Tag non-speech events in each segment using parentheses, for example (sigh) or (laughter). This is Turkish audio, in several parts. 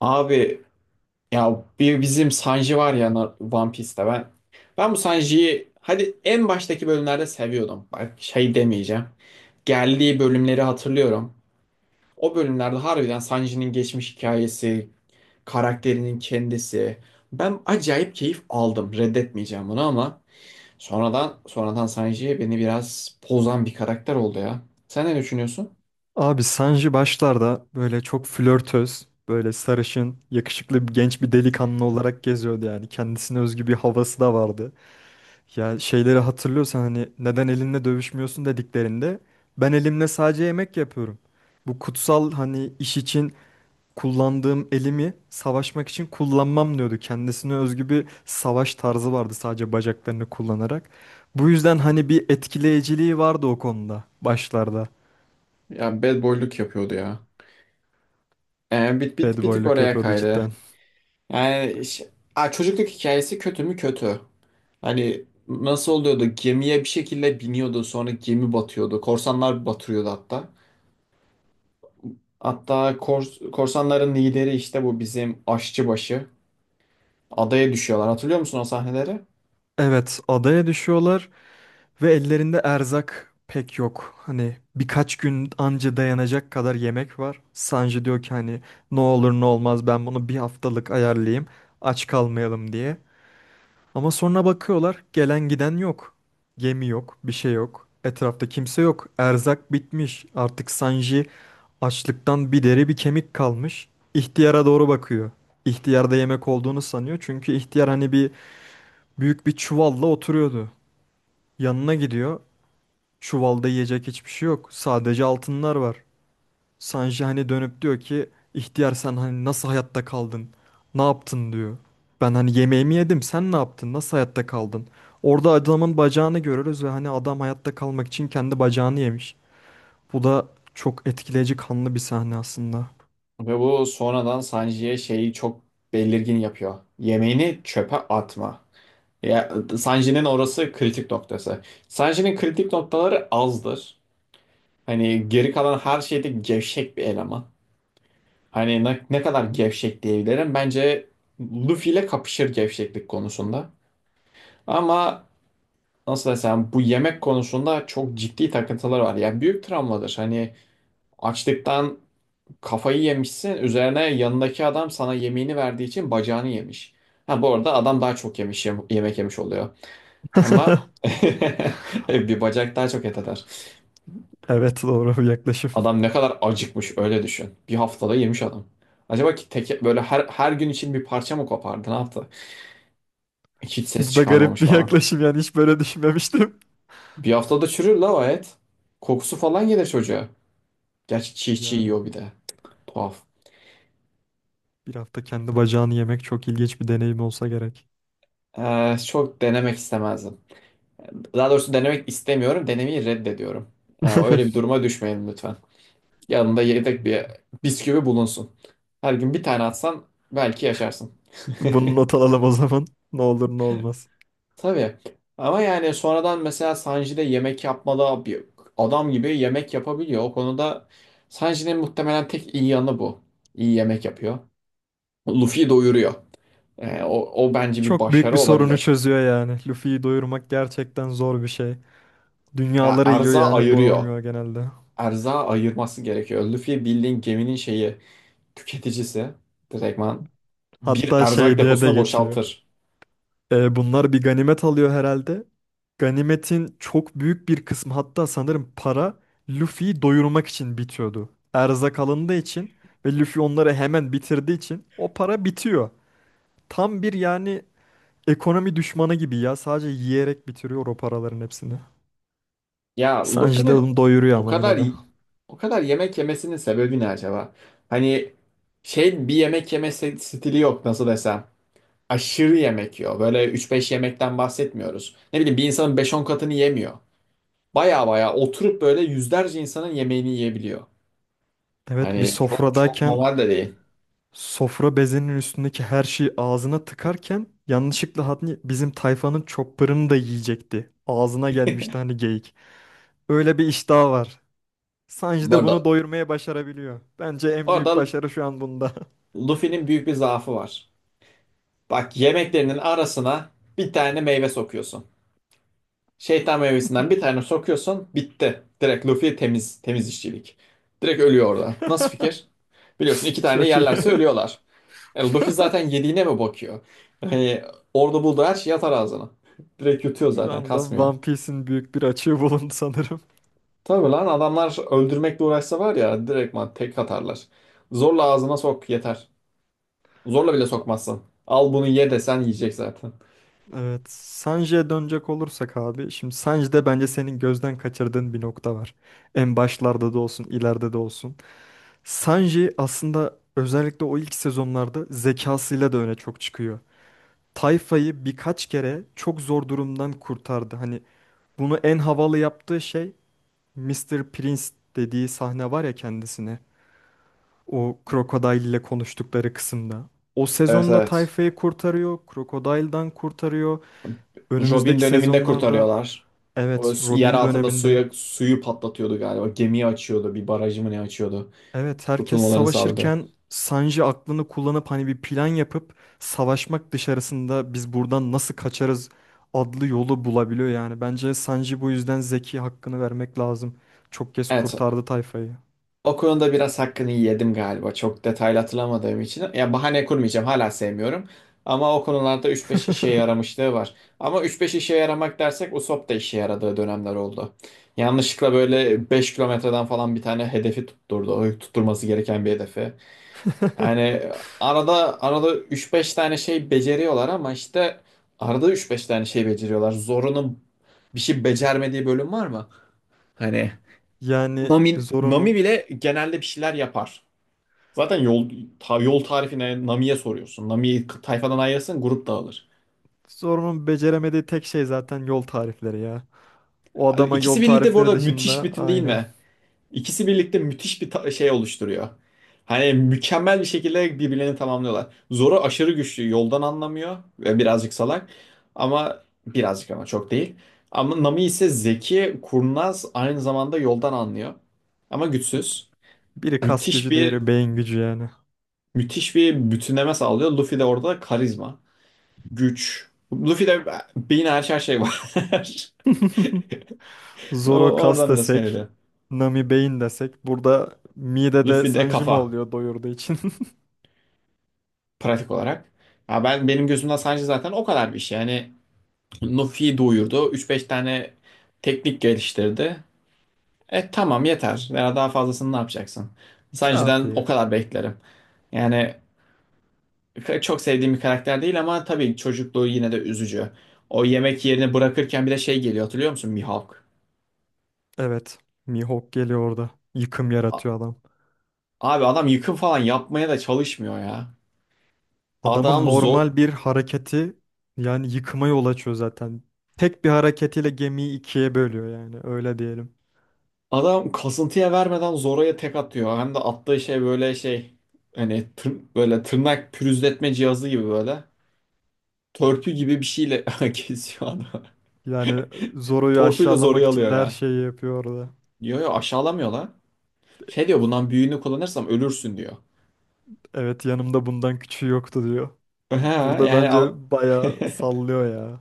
Abi ya bir bizim Sanji var ya One Piece'te ben. Ben bu Sanji'yi hadi en baştaki bölümlerde seviyordum. Bak şey demeyeceğim. Geldiği bölümleri hatırlıyorum. O bölümlerde harbiden Sanji'nin geçmiş hikayesi, karakterinin kendisi. Ben acayip keyif aldım. Reddetmeyeceğim bunu ama sonradan Sanji beni biraz pozan bir karakter oldu ya. Sen ne düşünüyorsun? Abi Sanji başlarda böyle çok flörtöz, böyle sarışın, yakışıklı bir genç bir delikanlı olarak geziyordu yani. Kendisine özgü bir havası da vardı. Ya şeyleri hatırlıyorsan hani neden elinle dövüşmüyorsun dediklerinde ben elimle sadece yemek yapıyorum. Bu kutsal hani iş için kullandığım elimi savaşmak için kullanmam diyordu. Kendisine özgü bir savaş tarzı vardı sadece bacaklarını kullanarak. Bu yüzden hani bir etkileyiciliği vardı o konuda başlarda. Ya bad boyluk yapıyordu ya. Ee, bir, bir, Bad bir tık boyluk oraya yapıyordu kaydı. cidden. Yani ş- Aa, çocukluk hikayesi kötü mü kötü. Hani nasıl oluyordu? Gemiye bir şekilde biniyordu, sonra gemi batıyordu. Korsanlar batırıyordu hatta. Hatta korsanların lideri işte bu bizim aşçıbaşı. Adaya düşüyorlar. Hatırlıyor musun o sahneleri? Evet, adaya düşüyorlar ve ellerinde erzak pek yok. Hani birkaç gün anca dayanacak kadar yemek var. Sanji diyor ki hani ne olur ne olmaz ben bunu bir haftalık ayarlayayım aç kalmayalım diye. Ama sonra bakıyorlar gelen giden yok. Gemi yok, bir şey yok. Etrafta kimse yok. Erzak bitmiş. Artık Sanji açlıktan bir deri bir kemik kalmış. İhtiyara doğru bakıyor. İhtiyarda yemek olduğunu sanıyor. Çünkü ihtiyar hani bir büyük bir çuvalla oturuyordu. Yanına gidiyor. Çuvalda yiyecek hiçbir şey yok. Sadece altınlar var. Sanji hani dönüp diyor ki ihtiyar sen hani nasıl hayatta kaldın? Ne yaptın diyor. Ben hani yemeğimi yedim sen ne yaptın? Nasıl hayatta kaldın? Orada adamın bacağını görürüz ve hani adam hayatta kalmak için kendi bacağını yemiş. Bu da çok etkileyici kanlı bir sahne aslında. Ve bu sonradan Sanji'ye şeyi çok belirgin yapıyor. Yemeğini çöpe atma. Ya, Sanji'nin orası kritik noktası. Sanji'nin kritik noktaları azdır. Hani geri kalan her şeyde gevşek bir eleman. Hani ne kadar gevşek diyebilirim. Bence Luffy ile kapışır gevşeklik konusunda. Ama nasıl desem, bu yemek konusunda çok ciddi takıntılar var. Yani büyük travmadır. Hani açlıktan kafayı yemişsin. Üzerine yanındaki adam sana yemeğini verdiği için bacağını yemiş. Ha bu arada adam daha çok yemiş yemek yemiş oluyor. Ama (laughs) bir bacak daha çok et eder. Evet, doğru bir yaklaşım. (laughs) Adam ne kadar acıkmış öyle düşün. Bir haftada yemiş adam. Acaba ki teke, böyle her gün için bir parça mı kopardı? Ne yaptı? Hiç ses Bu da garip çıkarmamış bir falan. yaklaşım yani hiç böyle düşünmemiştim. Bir haftada çürür la o et. Kokusu falan gelir çocuğa. Gerçi çiğ çiğ Yani yiyor bir de. Tuhaf. bir hafta kendi bacağını yemek çok ilginç bir deneyim olsa gerek. Çok denemek istemezdim. Daha doğrusu denemek istemiyorum. Denemeyi reddediyorum. Yani öyle bir (laughs) duruma düşmeyin lütfen. Yanında yedek bir bisküvi bulunsun. Her gün bir tane atsan belki yaşarsın. Bunu not alalım o zaman. Ne olur ne olmaz. (laughs) Tabii. Ama yani sonradan mesela Sanji de yemek yapmalı bir adam gibi yemek yapabiliyor. O konuda Sanji'nin muhtemelen tek iyi yanı bu. İyi yemek yapıyor. Luffy'yi doyuruyor. O bence bir Çok büyük başarı bir sorunu olabilir. çözüyor yani. Luffy'yi doyurmak gerçekten zor bir şey. Ya Dünyaları yiyor erza yani ayırıyor. doyamıyor genelde. Erza ayırması gerekiyor. Luffy bildiğin geminin şeyi tüketicisi. Direktman bir Hatta erzak şey diye de deposunu geçiyor. boşaltır. E, bunlar bir ganimet alıyor herhalde. Ganimetin çok büyük bir kısmı hatta sanırım para Luffy'yi doyurmak için bitiyordu. Erzak alındığı için ve Luffy onları hemen bitirdiği için o para bitiyor. Tam bir yani ekonomi düşmanı gibi ya. Sadece yiyerek bitiriyor o paraların hepsini. Ya Sanji de Luffy'nin onu doyuruyor o ama yine kadar de. o kadar yemek yemesinin sebebi ne acaba? Hani şey, bir yemek stili yok nasıl desem. Aşırı yemek yiyor. Böyle üç beş yemekten bahsetmiyoruz. Ne bileyim, bir insanın beş on katını yemiyor. Baya baya oturup böyle yüzlerce insanın yemeğini yiyebiliyor. Evet, bir Hani çok çok sofradayken normal de değil. sofra bezinin üstündeki her şeyi ağzına tıkarken yanlışlıkla hani bizim tayfanın chopper'ını da yiyecekti. Ağzına gelmişti hani geyik. Öyle bir iştahı var. Sanji Bu de bunu arada, doyurmaya başarabiliyor. Bence bu en büyük arada başarı şu an bunda. Luffy'nin büyük bir zaafı var. Bak yemeklerinin arasına bir tane meyve sokuyorsun. Şeytan meyvesinden bir tane sokuyorsun, bitti. Direkt Luffy temiz, temiz işçilik. Direkt ölüyor orada. Nasıl fikir? (laughs) Biliyorsun iki tane Çok iyi. (laughs) yerlerse ölüyorlar. E, Luffy zaten yediğine mi bakıyor? Hani orada bulduğu her şey atar ağzına. (laughs) Direkt yutuyor Şu zaten, anda kasmıyor. One Piece'in büyük bir açığı bulundu sanırım. Tabii lan, adamlar öldürmekle uğraşsa var ya direktman tek atarlar. Zorla ağzına sok yeter. Zorla bile sokmazsın. Al bunu ye desen yiyecek zaten. Evet, Sanji'ye dönecek olursak abi, şimdi Sanji'de bence senin gözden kaçırdığın bir nokta var. En başlarda da olsun, ileride de olsun. Sanji aslında özellikle o ilk sezonlarda zekasıyla da öne çok çıkıyor. Tayfa'yı birkaç kere çok zor durumdan kurtardı. Hani bunu en havalı yaptığı şey Mister Prince dediği sahne var ya kendisine. O Crocodile ile konuştukları kısımda. O Evet, sezonda evet. Tayfa'yı kurtarıyor, Crocodile'dan kurtarıyor. Robin Önümüzdeki döneminde sezonlarda, kurtarıyorlar. Evet, Yer Robin altında döneminde. suya, suyu patlatıyordu galiba. Gemiyi açıyordu. Bir barajı mı ne açıyordu. Evet, herkes Kurtulmalarını sağladı. savaşırken Sanji aklını kullanıp hani bir plan yapıp savaşmak dışarısında biz buradan nasıl kaçarız adlı yolu bulabiliyor yani. Bence Sanji bu yüzden Zeki hakkını vermek lazım. Çok kez Evet. kurtardı tayfayı. O konuda biraz hakkını yedim galiba. Çok detaylı hatırlamadığım için. Ya bahane kurmayacağım. Hala sevmiyorum. Ama o konularda 3-5 işe (laughs) yaramışlığı var. Ama üç beş işe yaramak dersek Usopp da işe yaradığı dönemler oldu. Yanlışlıkla böyle 5 kilometreden falan bir tane hedefi tutturdu. O tutturması gereken bir hedefi. Yani arada arada üç beş tane şey beceriyorlar ama işte arada üç beş tane şey beceriyorlar. Zoro'nun bir şey becermediği bölüm var mı? Hani Yani Nami Zoro'nun bile genelde bir şeyler yapar. Zaten yol tarifine Nami'ye soruyorsun. Tayfadan ayırırsın, grup dağılır. Zoro'nun beceremediği tek şey zaten yol tarifleri ya. O adama İkisi yol birlikte bu tarifleri arada müthiş dışında bütün değil aynen. mi? İkisi birlikte müthiş bir şey oluşturuyor. Hani mükemmel bir şekilde birbirlerini tamamlıyorlar. Zoro aşırı güçlü, yoldan anlamıyor ve birazcık salak. Ama birazcık, ama çok değil. Ama Nami ise zeki, kurnaz, aynı zamanda yoldan anlıyor. Ama Evet. güçsüz. Biri kas Müthiş gücü, bir diğeri beyin gücü yani. müthiş bir bütünleme sağlıyor. Luffy de orada karizma. Güç. Luffy'de beyin, her şey var. (laughs) (laughs) Zoro kas Oradan biraz desek, kaynaklı. Nami beyin desek. Burada midede Luffy'de Sanjima kafa oluyor doyurduğu için. (laughs) pratik olarak. Ya ben, benim gözümden sadece zaten o kadar bir şey. Yani Luffy'yi doyurdu, üç beş tane teknik geliştirdi. E tamam, yeter. Veya daha fazlasını ne yapacaksın? Sanji'den Kafi. o kadar beklerim. Yani çok sevdiğim bir karakter değil ama tabii çocukluğu yine de üzücü. O yemek yerini bırakırken bir de şey geliyor, hatırlıyor musun? Mihawk. Evet. Mihawk geliyor orada. Yıkım A- yaratıyor adam. Abi adam yıkım falan yapmaya da çalışmıyor ya. Adamın Adam zor, normal bir hareketi yani yıkıma yol açıyor zaten. Tek bir hareketiyle gemiyi ikiye bölüyor yani öyle diyelim. adam kasıntıya vermeden Zoro'ya tek atıyor. Hem de attığı şey böyle şey, hani böyle tırnak pürüzletme cihazı gibi böyle. Törpü gibi bir şeyle (laughs) kesiyor adamı. Yani Zoro'yu Torpuyla aşağılamak Zoro'yu için alıyor de her ya. şeyi yapıyor orada. Diyor ya, aşağılamıyor lan. Şey diyor, bundan büyüğünü kullanırsam ölürsün diyor. Evet, yanımda bundan küçüğü yoktu diyor. (laughs) He, Burada yani al- bence bayağı (laughs) sallıyor ya.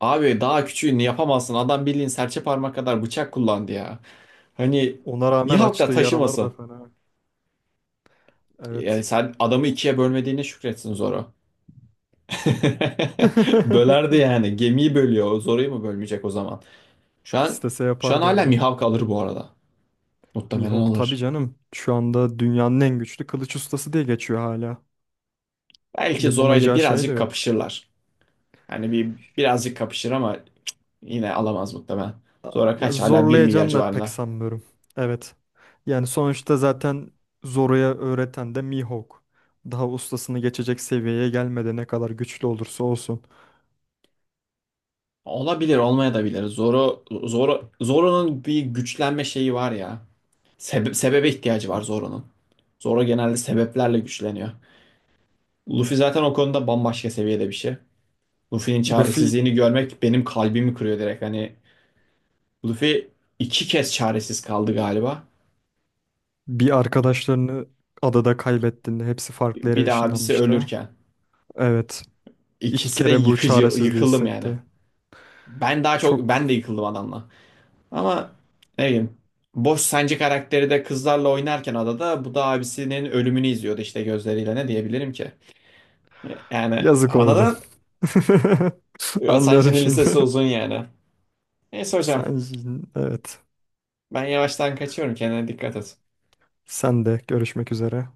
abi daha küçüğünü yapamazsın. Adam bildiğin serçe parmak kadar bıçak kullandı ya. Hani Ona rağmen Mihawk da açtığı yaralar da taşımasın. fena. Evet. Yani sen adamı ikiye bölmediğine şükretsin Zoro. (laughs) Bölerdi (laughs) yani. Gemiyi bölüyor. O Zoro'yu mu bölmeyecek o zaman? Şu an İstese şu an yapardı hala orada. Mihawk alır bu arada. Muhtemelen Mihawk tabii alır. canım. Şu anda dünyanın en güçlü kılıç ustası diye geçiyor hala. Belki Zoro ile Yapamayacağı şey de birazcık yok. kapışırlar. Yani bir birazcık kapışır ama yine alamaz muhtemelen. Zoro Ya kaç, hala 1 milyar zorlayacağını da pek civarında. sanmıyorum. Evet. Yani sonuçta zaten Zoro'ya öğreten de Mihawk. Daha ustasını geçecek seviyeye gelmedi ne kadar güçlü olursa olsun. Olabilir, olmaya da bilir. Zoro'nun bir güçlenme şeyi var ya. Sebebe ihtiyacı var Zoro'nun. Zoro genelde sebeplerle güçleniyor. Luffy zaten o konuda bambaşka seviyede bir şey. Luffy'nin Luffy çaresizliğini görmek benim kalbimi kırıyor direkt. Hani Luffy iki kez çaresiz kaldı galiba. bir arkadaşlarını adada kaybettiğinde hepsi farklı Bir yere de abisi ışınlanmıştı. ölürken. Evet. İki İkisi de kere bu yıkıcı, çaresizliği yıkıldım yani. hissetti. Ben daha çok, ben Çok de yıkıldım adamla. Ama ne bileyim. Boş, sence karakteri de kızlarla oynarken adada, bu da abisinin ölümünü izliyordu işte gözleriyle, ne diyebilirim ki? Yani yazık oldu. anladın? (laughs) Anlıyorum Sancı'nın şimdi. lisesi uzun yani. Neyse hocam, (laughs) Sen, evet. ben yavaştan kaçıyorum, kendine dikkat et. Sen de görüşmek üzere.